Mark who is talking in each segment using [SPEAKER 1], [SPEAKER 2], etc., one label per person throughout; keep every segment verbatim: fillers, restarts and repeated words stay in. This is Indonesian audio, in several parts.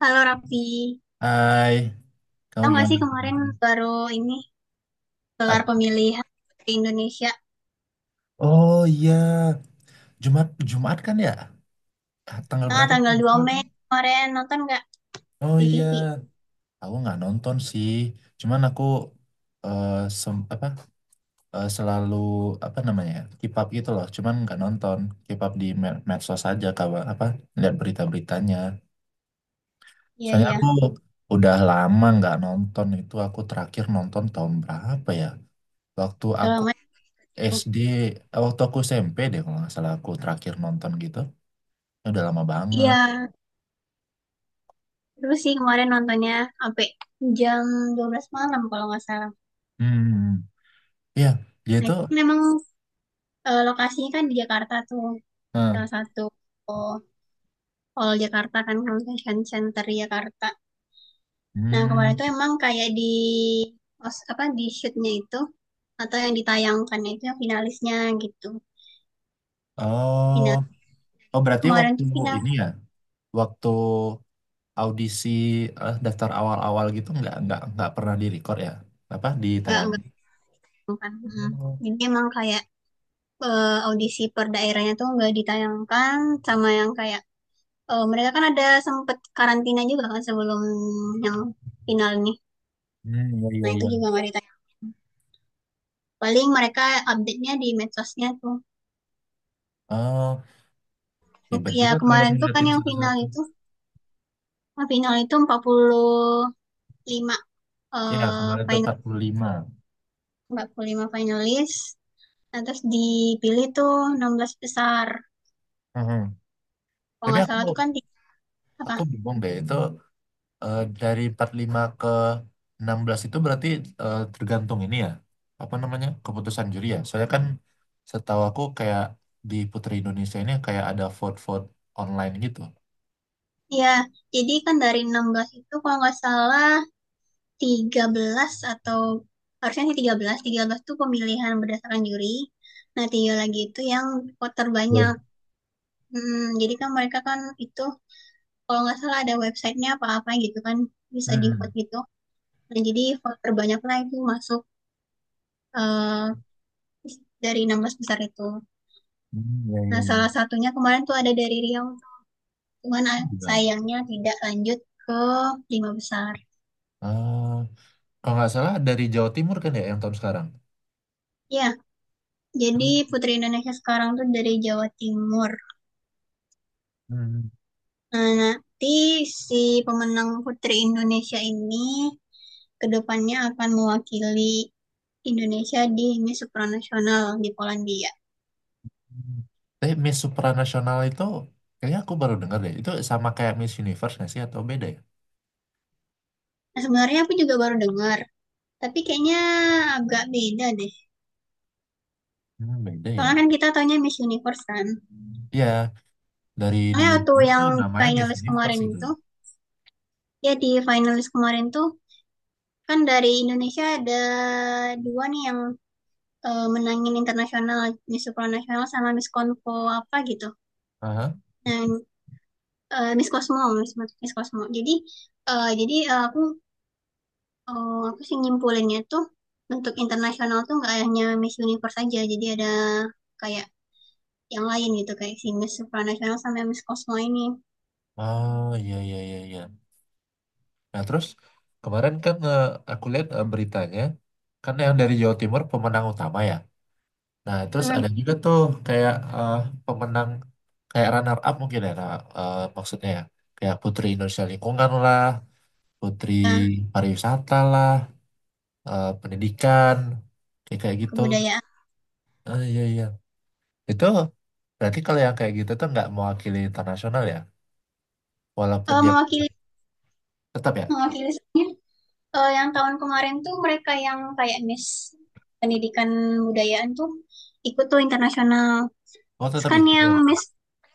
[SPEAKER 1] Halo Raffi,
[SPEAKER 2] Hai, kamu
[SPEAKER 1] tau gak
[SPEAKER 2] gimana
[SPEAKER 1] sih kemarin
[SPEAKER 2] kabarnya?
[SPEAKER 1] baru ini gelar
[SPEAKER 2] Apa?
[SPEAKER 1] pemilihan di Indonesia.
[SPEAKER 2] Oh iya, Jumat Jumat kan ya? Ah, tanggal
[SPEAKER 1] ah,
[SPEAKER 2] berapa sih?
[SPEAKER 1] tanggal dua Mei kemarin nonton nggak
[SPEAKER 2] Oh
[SPEAKER 1] di
[SPEAKER 2] iya,
[SPEAKER 1] T V?
[SPEAKER 2] aku nggak nonton sih. Cuman aku, eh, sem- apa eh, selalu apa namanya ya, keep up gitu loh. Cuman nggak nonton, keep up di med- medsos aja, kabar apa, lihat berita-beritanya.
[SPEAKER 1] Iya,
[SPEAKER 2] Soalnya
[SPEAKER 1] iya,
[SPEAKER 2] aku udah lama nggak nonton itu. Aku terakhir nonton tahun berapa ya? Waktu
[SPEAKER 1] udah
[SPEAKER 2] aku
[SPEAKER 1] lama ya.
[SPEAKER 2] S D, eh, waktu aku S M P deh, kalau nggak salah aku terakhir nonton gitu, udah lama banget.
[SPEAKER 1] Iya, terus sih kemarin nontonnya sampai jam dua belas malam kalau nggak salah.
[SPEAKER 2] Hmm, iya, dia
[SPEAKER 1] Nah
[SPEAKER 2] tuh,
[SPEAKER 1] itu memang, eh, lokasinya kan di Jakarta tuh,
[SPEAKER 2] eh,
[SPEAKER 1] salah satu oh, Hall Jakarta kan Convention Center Jakarta. Nah kemarin
[SPEAKER 2] hmm.
[SPEAKER 1] tuh emang kayak di os- apa di shootnya itu atau yang ditayangkan itu yang finalisnya gitu.
[SPEAKER 2] Oh,
[SPEAKER 1] final
[SPEAKER 2] oh,
[SPEAKER 1] Jadi
[SPEAKER 2] berarti
[SPEAKER 1] kemarin
[SPEAKER 2] waktu
[SPEAKER 1] tuh final
[SPEAKER 2] ini ya, waktu audisi, eh, daftar awal-awal gitu nggak nggak nggak pernah direcord ya, apa
[SPEAKER 1] nggak
[SPEAKER 2] ditayang.
[SPEAKER 1] nggak ditayangkan. Hmm.
[SPEAKER 2] Oh,
[SPEAKER 1] Jadi emang kayak eh, audisi per daerahnya tuh nggak ditayangkan sama yang kayak eh, mereka kan ada sempet karantina juga kan sebelum yang final nih.
[SPEAKER 2] hmm, iya, iya,
[SPEAKER 1] Nah itu
[SPEAKER 2] iya.
[SPEAKER 1] juga nggak ditayang. Paling mereka update-nya di medsosnya tuh.
[SPEAKER 2] Oh, hebat
[SPEAKER 1] Ya
[SPEAKER 2] juga kalau
[SPEAKER 1] kemarin tuh kan
[SPEAKER 2] ngeliatin
[SPEAKER 1] yang final
[SPEAKER 2] satu-satu.
[SPEAKER 1] itu final itu 45
[SPEAKER 2] Ya
[SPEAKER 1] eh
[SPEAKER 2] kemarin tuh
[SPEAKER 1] final
[SPEAKER 2] empat puluh lima.
[SPEAKER 1] empat puluh lima finalis. Nah, terus dipilih tuh enam belas besar.
[SPEAKER 2] Hmm, hmm.
[SPEAKER 1] Kalau
[SPEAKER 2] Tapi
[SPEAKER 1] nggak
[SPEAKER 2] aku
[SPEAKER 1] salah tuh kan tiga- apa?
[SPEAKER 2] aku bingung deh itu. Eh, dari empat puluh lima ke enam belas itu berarti, eh, tergantung ini ya. Apa namanya? Keputusan juri ya. Soalnya kan setahu aku kayak di Putri Indonesia ini kayak ada vote-vote online gitu.
[SPEAKER 1] Ya, jadi kan dari enam belas itu kalau nggak salah tiga belas atau harusnya sih tiga belas, tiga belas itu pemilihan berdasarkan juri. Nah, tiga lagi itu yang voter
[SPEAKER 2] Hmm.
[SPEAKER 1] banyak. Hmm, jadi kan mereka kan itu kalau nggak salah ada websitenya apa-apa gitu kan bisa di
[SPEAKER 2] Hmm.
[SPEAKER 1] vote gitu. Nah, jadi voter banyak lah itu masuk eh, dari enam belas besar itu.
[SPEAKER 2] Hmm, ya,
[SPEAKER 1] Nah,
[SPEAKER 2] ya, ya.
[SPEAKER 1] salah satunya kemarin tuh ada dari Riau, cuman ah,
[SPEAKER 2] Gila.
[SPEAKER 1] sayangnya tidak lanjut ke lima besar.
[SPEAKER 2] Ah, kalau nggak salah dari Jawa Timur kan ya yang tahun sekarang.
[SPEAKER 1] Ya, jadi Putri Indonesia sekarang tuh dari Jawa Timur.
[SPEAKER 2] Hmm.
[SPEAKER 1] Nah, nanti si pemenang Putri Indonesia ini kedepannya akan mewakili Indonesia di Miss Supranasional di Polandia.
[SPEAKER 2] Tapi Miss Supranasional itu kayaknya aku baru dengar deh. Itu sama kayak Miss Universe nggak sih, atau beda ya?
[SPEAKER 1] Nah, sebenarnya aku juga baru dengar, tapi kayaknya agak beda deh.
[SPEAKER 2] Hmm, beda
[SPEAKER 1] Soalnya
[SPEAKER 2] ya.
[SPEAKER 1] kan kita taunya Miss Universe kan.
[SPEAKER 2] Ya. Dari
[SPEAKER 1] Soalnya
[SPEAKER 2] dulu
[SPEAKER 1] waktu
[SPEAKER 2] dulu
[SPEAKER 1] yang
[SPEAKER 2] tuh namanya Miss
[SPEAKER 1] finalis
[SPEAKER 2] Universe
[SPEAKER 1] kemarin
[SPEAKER 2] gitu
[SPEAKER 1] itu,
[SPEAKER 2] loh.
[SPEAKER 1] ya di finalis kemarin tuh kan dari Indonesia ada dua nih yang eh, menangin internasional, Miss Supranasional Nasional sama Miss Konfo apa gitu.
[SPEAKER 2] Aha.
[SPEAKER 1] Dan eh, Miss Cosmo, Miss, Miss Cosmo. Jadi eh, jadi eh, aku eh, aku sih nyimpulinnya tuh untuk internasional tuh nggak hanya Miss Universe aja, jadi ada kayak yang lain gitu kayak si Miss Supranasional sama Miss Cosmo ini.
[SPEAKER 2] Oh iya, iya, iya, iya. Nah terus kemarin kan, eh, aku lihat eh, beritanya, kan yang dari Jawa Timur pemenang utama ya. Nah terus
[SPEAKER 1] Hmm.
[SPEAKER 2] ada juga tuh kayak, eh, pemenang, kayak runner up mungkin ya. Nah, eh, maksudnya ya kayak Putri Indonesia Lingkungan lah, Putri
[SPEAKER 1] Nah,
[SPEAKER 2] Pariwisata lah, eh, pendidikan, kayak kayak gitu.
[SPEAKER 1] kebudayaan.
[SPEAKER 2] Ah, iya, iya. Itu berarti kalau yang kayak gitu tuh nggak mewakili internasional ya, walaupun
[SPEAKER 1] Eh,
[SPEAKER 2] dia...
[SPEAKER 1] mewakili
[SPEAKER 2] Tetap ya?
[SPEAKER 1] mewakili soalnya, eh, yang tahun kemarin tuh mereka yang kayak Miss Pendidikan Budayaan tuh ikut tuh internasional.
[SPEAKER 2] Oh, tetap
[SPEAKER 1] Kan
[SPEAKER 2] ikut.
[SPEAKER 1] yang Miss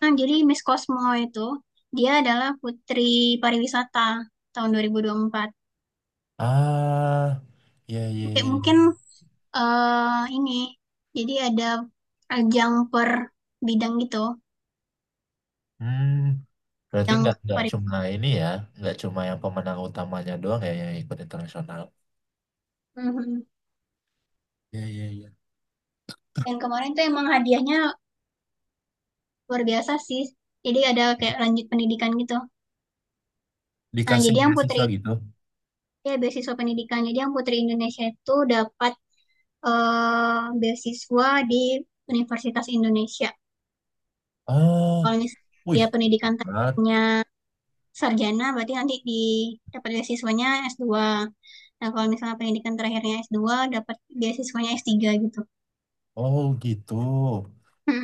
[SPEAKER 1] yang jadi Miss Cosmo itu dia adalah putri pariwisata tahun dua dua ribu dua puluh empat.
[SPEAKER 2] Ah, iya, iya,
[SPEAKER 1] Kayak
[SPEAKER 2] iya,
[SPEAKER 1] mungkin
[SPEAKER 2] iya.
[SPEAKER 1] eh ini jadi ada ajang per bidang gitu,
[SPEAKER 2] Hmm, berarti
[SPEAKER 1] yang
[SPEAKER 2] nggak nggak
[SPEAKER 1] pariwisata.
[SPEAKER 2] cuma ini ya, nggak cuma yang pemenang utamanya doang ya yang ikut internasional.
[SPEAKER 1] Mhm.
[SPEAKER 2] Iya, iya, iya.
[SPEAKER 1] Dan kemarin tuh emang hadiahnya luar biasa sih. Jadi ada kayak lanjut pendidikan gitu. Nah,
[SPEAKER 2] Dikasih
[SPEAKER 1] jadi yang putri
[SPEAKER 2] beasiswa gitu.
[SPEAKER 1] ya beasiswa pendidikan. Jadi yang putri Indonesia itu dapat eh beasiswa di Universitas Indonesia.
[SPEAKER 2] Oh,
[SPEAKER 1] Kalau misalnya
[SPEAKER 2] wih,
[SPEAKER 1] dia pendidikan
[SPEAKER 2] hebat.
[SPEAKER 1] tekniknya sarjana, berarti nanti di dapat beasiswanya s dua. Nah, kalau misalnya pendidikan terakhirnya s dua, dapat beasiswanya s tiga gitu.
[SPEAKER 2] Oh gitu.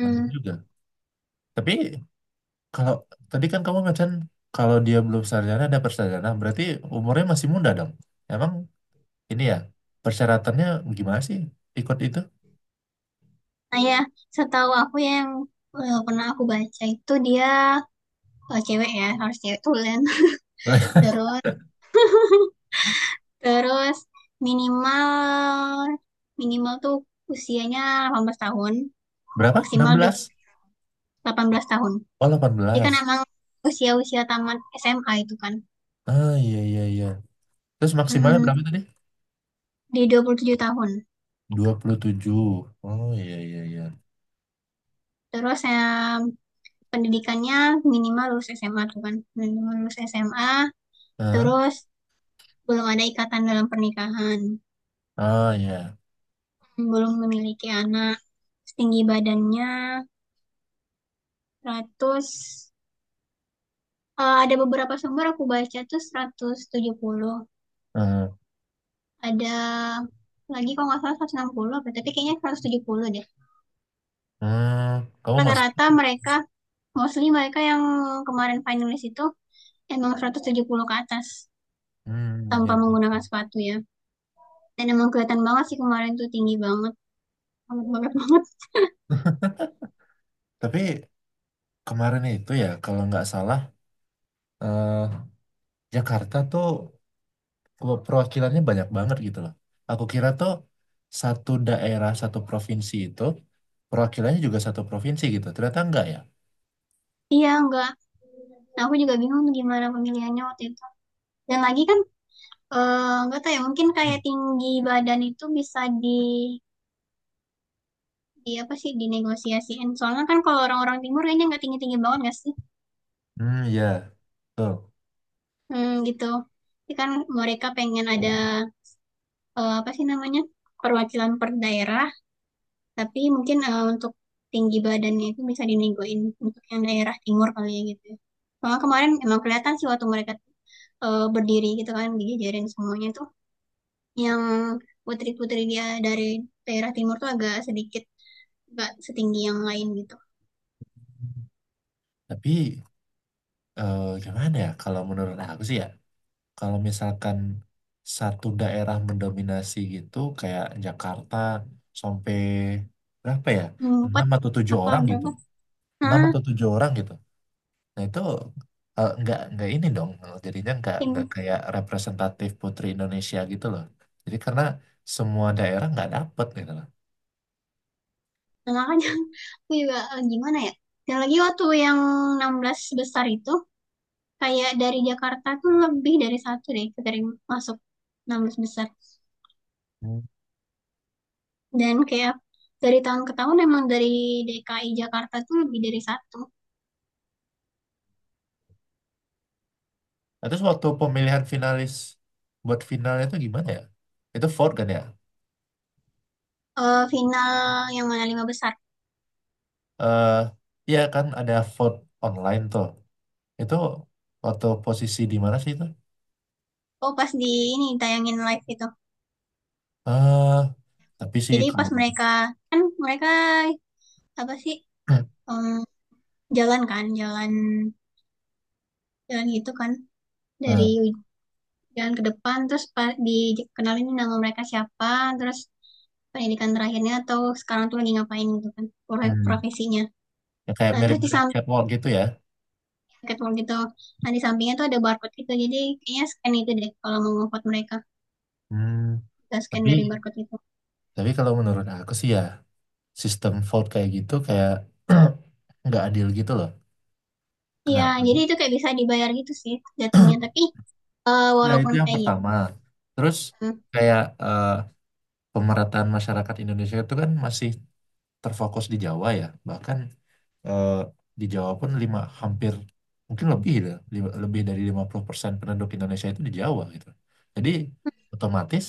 [SPEAKER 2] Nah, juga. Tapi kalau tadi kan kamu macam, kalau dia belum sarjana ada persarjana, berarti umurnya masih muda dong. Emang ini ya persyaratannya gimana sih ikut itu?
[SPEAKER 1] Nah, ya, setahu aku ya yang eh, pernah aku baca itu dia eh, cewek ya, harus cewek tulen. Terus, terus minimal minimal tuh usianya delapan belas tahun,
[SPEAKER 2] Berapa? enam
[SPEAKER 1] maksimal
[SPEAKER 2] belas
[SPEAKER 1] dua- delapan belas tahun.
[SPEAKER 2] Oh, delapan
[SPEAKER 1] Jadi kan
[SPEAKER 2] belas,
[SPEAKER 1] emang usia-usia tamat S M A itu kan.
[SPEAKER 2] Ah, iya, iya, iya. Terus maksimalnya
[SPEAKER 1] Mm,
[SPEAKER 2] berapa tadi?
[SPEAKER 1] di dua puluh tujuh tahun.
[SPEAKER 2] Dua puluh tujuh. Oh, iya, iya, iya.
[SPEAKER 1] Terus saya pendidikannya minimal lulus S M A tuh kan. Minimal lulus S M A,
[SPEAKER 2] Ah,
[SPEAKER 1] terus belum ada ikatan dalam pernikahan,
[SPEAKER 2] ah, iya.
[SPEAKER 1] belum memiliki anak. Setinggi badannya 100 eh, ada beberapa sumber aku baca tuh seratus tujuh puluh.
[SPEAKER 2] Ah,
[SPEAKER 1] Ada lagi kalau nggak salah seratus enam puluh apa, tapi kayaknya seratus tujuh puluh deh.
[SPEAKER 2] hmm, kamu masuk.
[SPEAKER 1] Rata-rata mereka, mostly mereka yang kemarin finalis itu emang seratus tujuh puluh ke atas
[SPEAKER 2] Hmm, iya,
[SPEAKER 1] tanpa
[SPEAKER 2] iya,
[SPEAKER 1] menggunakan
[SPEAKER 2] iya.
[SPEAKER 1] sepatu ya. Dan emang kelihatan banget sih kemarin tuh tinggi banget, banget banget banget.
[SPEAKER 2] Tapi kemarin itu ya, kalau nggak salah, eh, Jakarta tuh pe- perwakilannya banyak banget gitu loh. Aku kira tuh satu daerah, satu provinsi itu perwakilannya juga satu provinsi gitu. Ternyata enggak ya.
[SPEAKER 1] Iya enggak. Nah, aku juga bingung gimana pemilihannya waktu itu. Dan lagi kan eh, enggak eh, tahu ya mungkin kayak
[SPEAKER 2] Hmm.
[SPEAKER 1] tinggi badan itu bisa di di apa sih dinegosiasiin. Soalnya kan kalau orang-orang timur kayaknya nggak tinggi-tinggi banget nggak sih?
[SPEAKER 2] Hmm, iya. Betul.
[SPEAKER 1] Hmm, gitu. Jadi kan mereka pengen ada eh, apa sih namanya perwakilan per daerah. Tapi mungkin eh, untuk tinggi badannya itu bisa dinegoin untuk yang daerah timur kali ya gitu. Ya. Soalnya kemarin emang kelihatan sih waktu mereka eh, berdiri gitu kan dijajarin semuanya tuh yang putri-putri dia dari daerah timur tuh agak sedikit nggak setinggi yang lain gitu.
[SPEAKER 2] Tapi eh gimana ya, kalau menurut aku sih ya, kalau misalkan satu daerah mendominasi gitu kayak Jakarta sampai berapa ya,
[SPEAKER 1] Hmm, empat
[SPEAKER 2] enam atau tujuh
[SPEAKER 1] apa
[SPEAKER 2] orang gitu,
[SPEAKER 1] berapa?
[SPEAKER 2] enam
[SPEAKER 1] Nah,
[SPEAKER 2] atau tujuh orang gitu nah itu, eh, nggak nggak ini dong, jadinya nggak nggak
[SPEAKER 1] tim
[SPEAKER 2] kayak representatif Putri Indonesia gitu loh, jadi karena semua daerah nggak dapet gitu loh.
[SPEAKER 1] nah, makanya aku juga eh, gimana ya? Dan lagi waktu yang enam belas besar itu kayak dari Jakarta tuh lebih dari satu deh dari masuk enam belas besar.
[SPEAKER 2] Hmm.
[SPEAKER 1] Dan kayak dari tahun ke tahun emang dari D K I Jakarta tuh lebih dari satu.
[SPEAKER 2] Nah, terus waktu pemilihan finalis buat finalnya itu gimana ya, itu vote kan ya.
[SPEAKER 1] Eh, final yang mana lima besar.
[SPEAKER 2] eh iya, kan ada vote online tuh. Itu waktu posisi di mana sih itu?
[SPEAKER 1] Oh pas di ini tayangin live itu.
[SPEAKER 2] eh tapi sih
[SPEAKER 1] Jadi pas
[SPEAKER 2] kalau...
[SPEAKER 1] mereka kan mereka apa sih em, jalan kan jalan jalan gitu kan dari
[SPEAKER 2] eh,
[SPEAKER 1] uj- jalan ke depan terus pa- dikenalin nama mereka siapa terus pendidikan terakhirnya atau sekarang tuh lagi ngapain gitu kan pro-
[SPEAKER 2] hmm,
[SPEAKER 1] profesinya.
[SPEAKER 2] ya kayak
[SPEAKER 1] Nah terus di
[SPEAKER 2] mirip-mirip
[SPEAKER 1] samping
[SPEAKER 2] catwalk gitu ya.
[SPEAKER 1] ketemu gitu. Nah, di sampingnya tuh ada barcode gitu. Jadi kayaknya scan itu deh kalau mau nge-vote mereka.
[SPEAKER 2] Hmm,
[SPEAKER 1] Kita scan dari
[SPEAKER 2] tapi
[SPEAKER 1] barcode itu.
[SPEAKER 2] tapi kalau menurut aku sih ya, sistem vote kayak gitu, kayak nggak adil gitu loh.
[SPEAKER 1] Iya,
[SPEAKER 2] Kenapa?
[SPEAKER 1] jadi itu kayak bisa dibayar gitu sih jatuhnya. Tapi eh,
[SPEAKER 2] Ya itu
[SPEAKER 1] walaupun
[SPEAKER 2] yang
[SPEAKER 1] kayak gitu.
[SPEAKER 2] pertama. Terus kayak, eh, pemerataan masyarakat Indonesia itu kan masih terfokus di Jawa ya. Bahkan eh, di Jawa pun lima, hampir mungkin lebih lah, li- lebih dari lima puluh persen penduduk Indonesia itu di Jawa gitu. Jadi otomatis,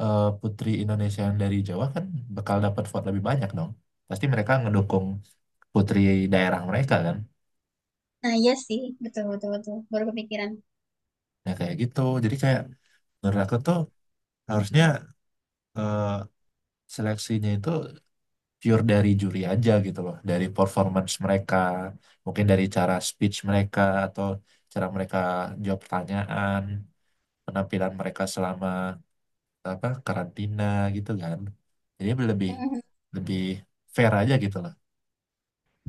[SPEAKER 2] eh, putri Indonesia yang dari Jawa kan bakal dapat vote lebih banyak dong. Pasti mereka ngedukung putri daerah mereka kan.
[SPEAKER 1] Nah, iya sih. Betul, betul, betul. Baru kepikiran.
[SPEAKER 2] Nah kayak gitu. Jadi kayak menurut aku tuh, harusnya, eh, seleksinya itu pure dari juri aja gitu loh, dari performance mereka, mungkin dari cara speech mereka, atau cara mereka jawab pertanyaan, penampilan mereka selama apa karantina gitu kan, jadi lebih
[SPEAKER 1] Mhm.
[SPEAKER 2] lebih fair aja gitu lah,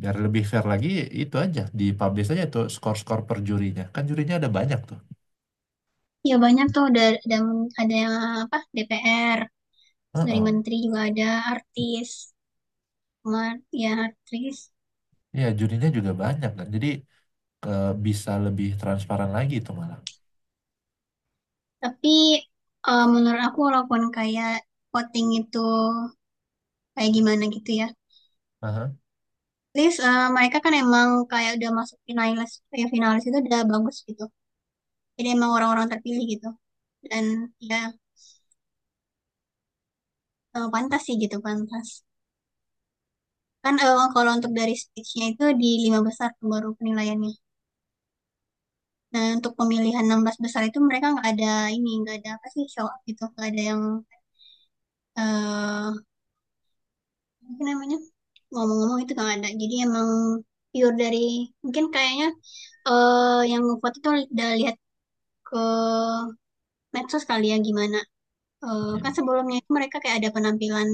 [SPEAKER 2] biar lebih fair lagi. Itu aja dipublish aja tuh skor-skor per jurinya, kan jurinya ada banyak tuh.
[SPEAKER 1] Ya banyak tuh ada, ada, ada yang apa D P R, terus dari
[SPEAKER 2] Heeh.
[SPEAKER 1] menteri juga ada artis. Cuma, ya artis.
[SPEAKER 2] Iya jurinya juga banyak kan, jadi ke, bisa lebih transparan lagi itu malah.
[SPEAKER 1] Tapi eh, menurut aku walaupun kayak voting itu kayak gimana gitu ya,
[SPEAKER 2] Aha.
[SPEAKER 1] least eh, mereka kan emang kayak udah masuk finalis kayak finalis itu udah bagus gitu, jadi emang orang-orang terpilih gitu dan ya eh, pantas sih gitu pantas. Kan eh, kalau untuk dari stage-nya itu di lima besar tuh baru penilaiannya. Nah untuk pemilihan enam belas besar itu mereka nggak ada ini nggak ada apa sih show up gitu nggak ada yang eh apa namanya ngomong-ngomong itu nggak ada, jadi emang pure dari mungkin kayaknya eh yang ngevote itu udah lihat ke medsos kali ya gimana. Eh,
[SPEAKER 2] Iya.
[SPEAKER 1] kan sebelumnya itu mereka kayak ada penampilan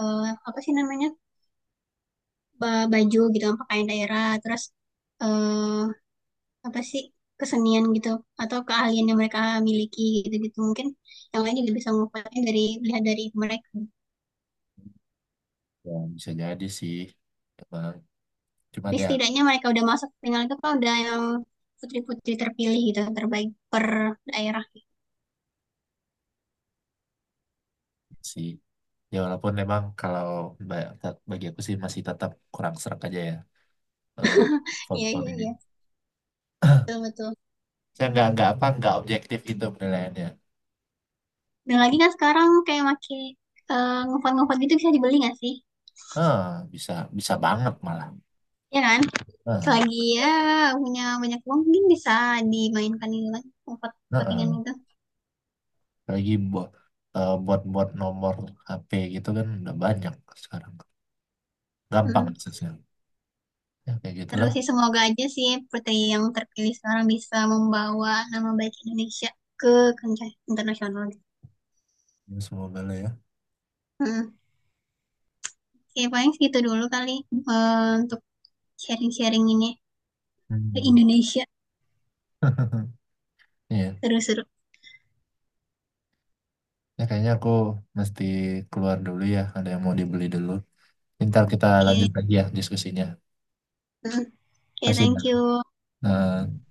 [SPEAKER 1] eh, apa sih namanya ba- baju gitu kan, pakaian daerah terus eh, apa sih kesenian gitu atau keahlian yang mereka miliki gitu gitu mungkin yang lain juga bisa ngupayain dari lihat dari mereka.
[SPEAKER 2] Ya, bisa jadi sih emang, cuma
[SPEAKER 1] Tapi
[SPEAKER 2] ya
[SPEAKER 1] setidaknya mereka udah masuk final itu kan udah yang putri-putri terpilih gitu terbaik per daerah.
[SPEAKER 2] sih ya, walaupun memang kalau ba- bagi aku sih masih tetap kurang serak aja ya, eh,
[SPEAKER 1] Iya,
[SPEAKER 2] font-font
[SPEAKER 1] iya,
[SPEAKER 2] ini,
[SPEAKER 1] iya, betul, betul.
[SPEAKER 2] saya nggak nggak apa, nggak objektif itu penilaiannya.
[SPEAKER 1] Dan lagi kan sekarang kayak makin eh, ngupon-ngupon gitu bisa dibeli nggak sih?
[SPEAKER 2] Ah, bisa, bisa banget malah.
[SPEAKER 1] Iya kan.
[SPEAKER 2] Ah,
[SPEAKER 1] Selagi ya punya banyak uang mungkin bisa dimainkan itu kan empat
[SPEAKER 2] ah,
[SPEAKER 1] pertandingan
[SPEAKER 2] ah.
[SPEAKER 1] itu.
[SPEAKER 2] Lagi buat, buat buat nomor H P gitu kan udah banyak sekarang, gampang
[SPEAKER 1] Mm.
[SPEAKER 2] aksesnya. Ya kayak
[SPEAKER 1] Terus
[SPEAKER 2] gitulah.
[SPEAKER 1] sih semoga aja sih putri yang terpilih sekarang bisa membawa nama baik Indonesia ke kancah internasional.
[SPEAKER 2] Ya, semoga lah ya.
[SPEAKER 1] Mm. Oke, paling segitu dulu kali eh, untuk sharing-sharing ini ke
[SPEAKER 2] Hmm.
[SPEAKER 1] Indonesia
[SPEAKER 2] Iya.
[SPEAKER 1] seru-seru.
[SPEAKER 2] Ya kayaknya aku mesti keluar dulu ya, ada yang mau dibeli dulu, ntar kita lanjut
[SPEAKER 1] Oke.
[SPEAKER 2] lagi ya diskusinya.
[SPEAKER 1] Mm. Oke,
[SPEAKER 2] Kasih ya.
[SPEAKER 1] thank you.
[SPEAKER 2] Eh,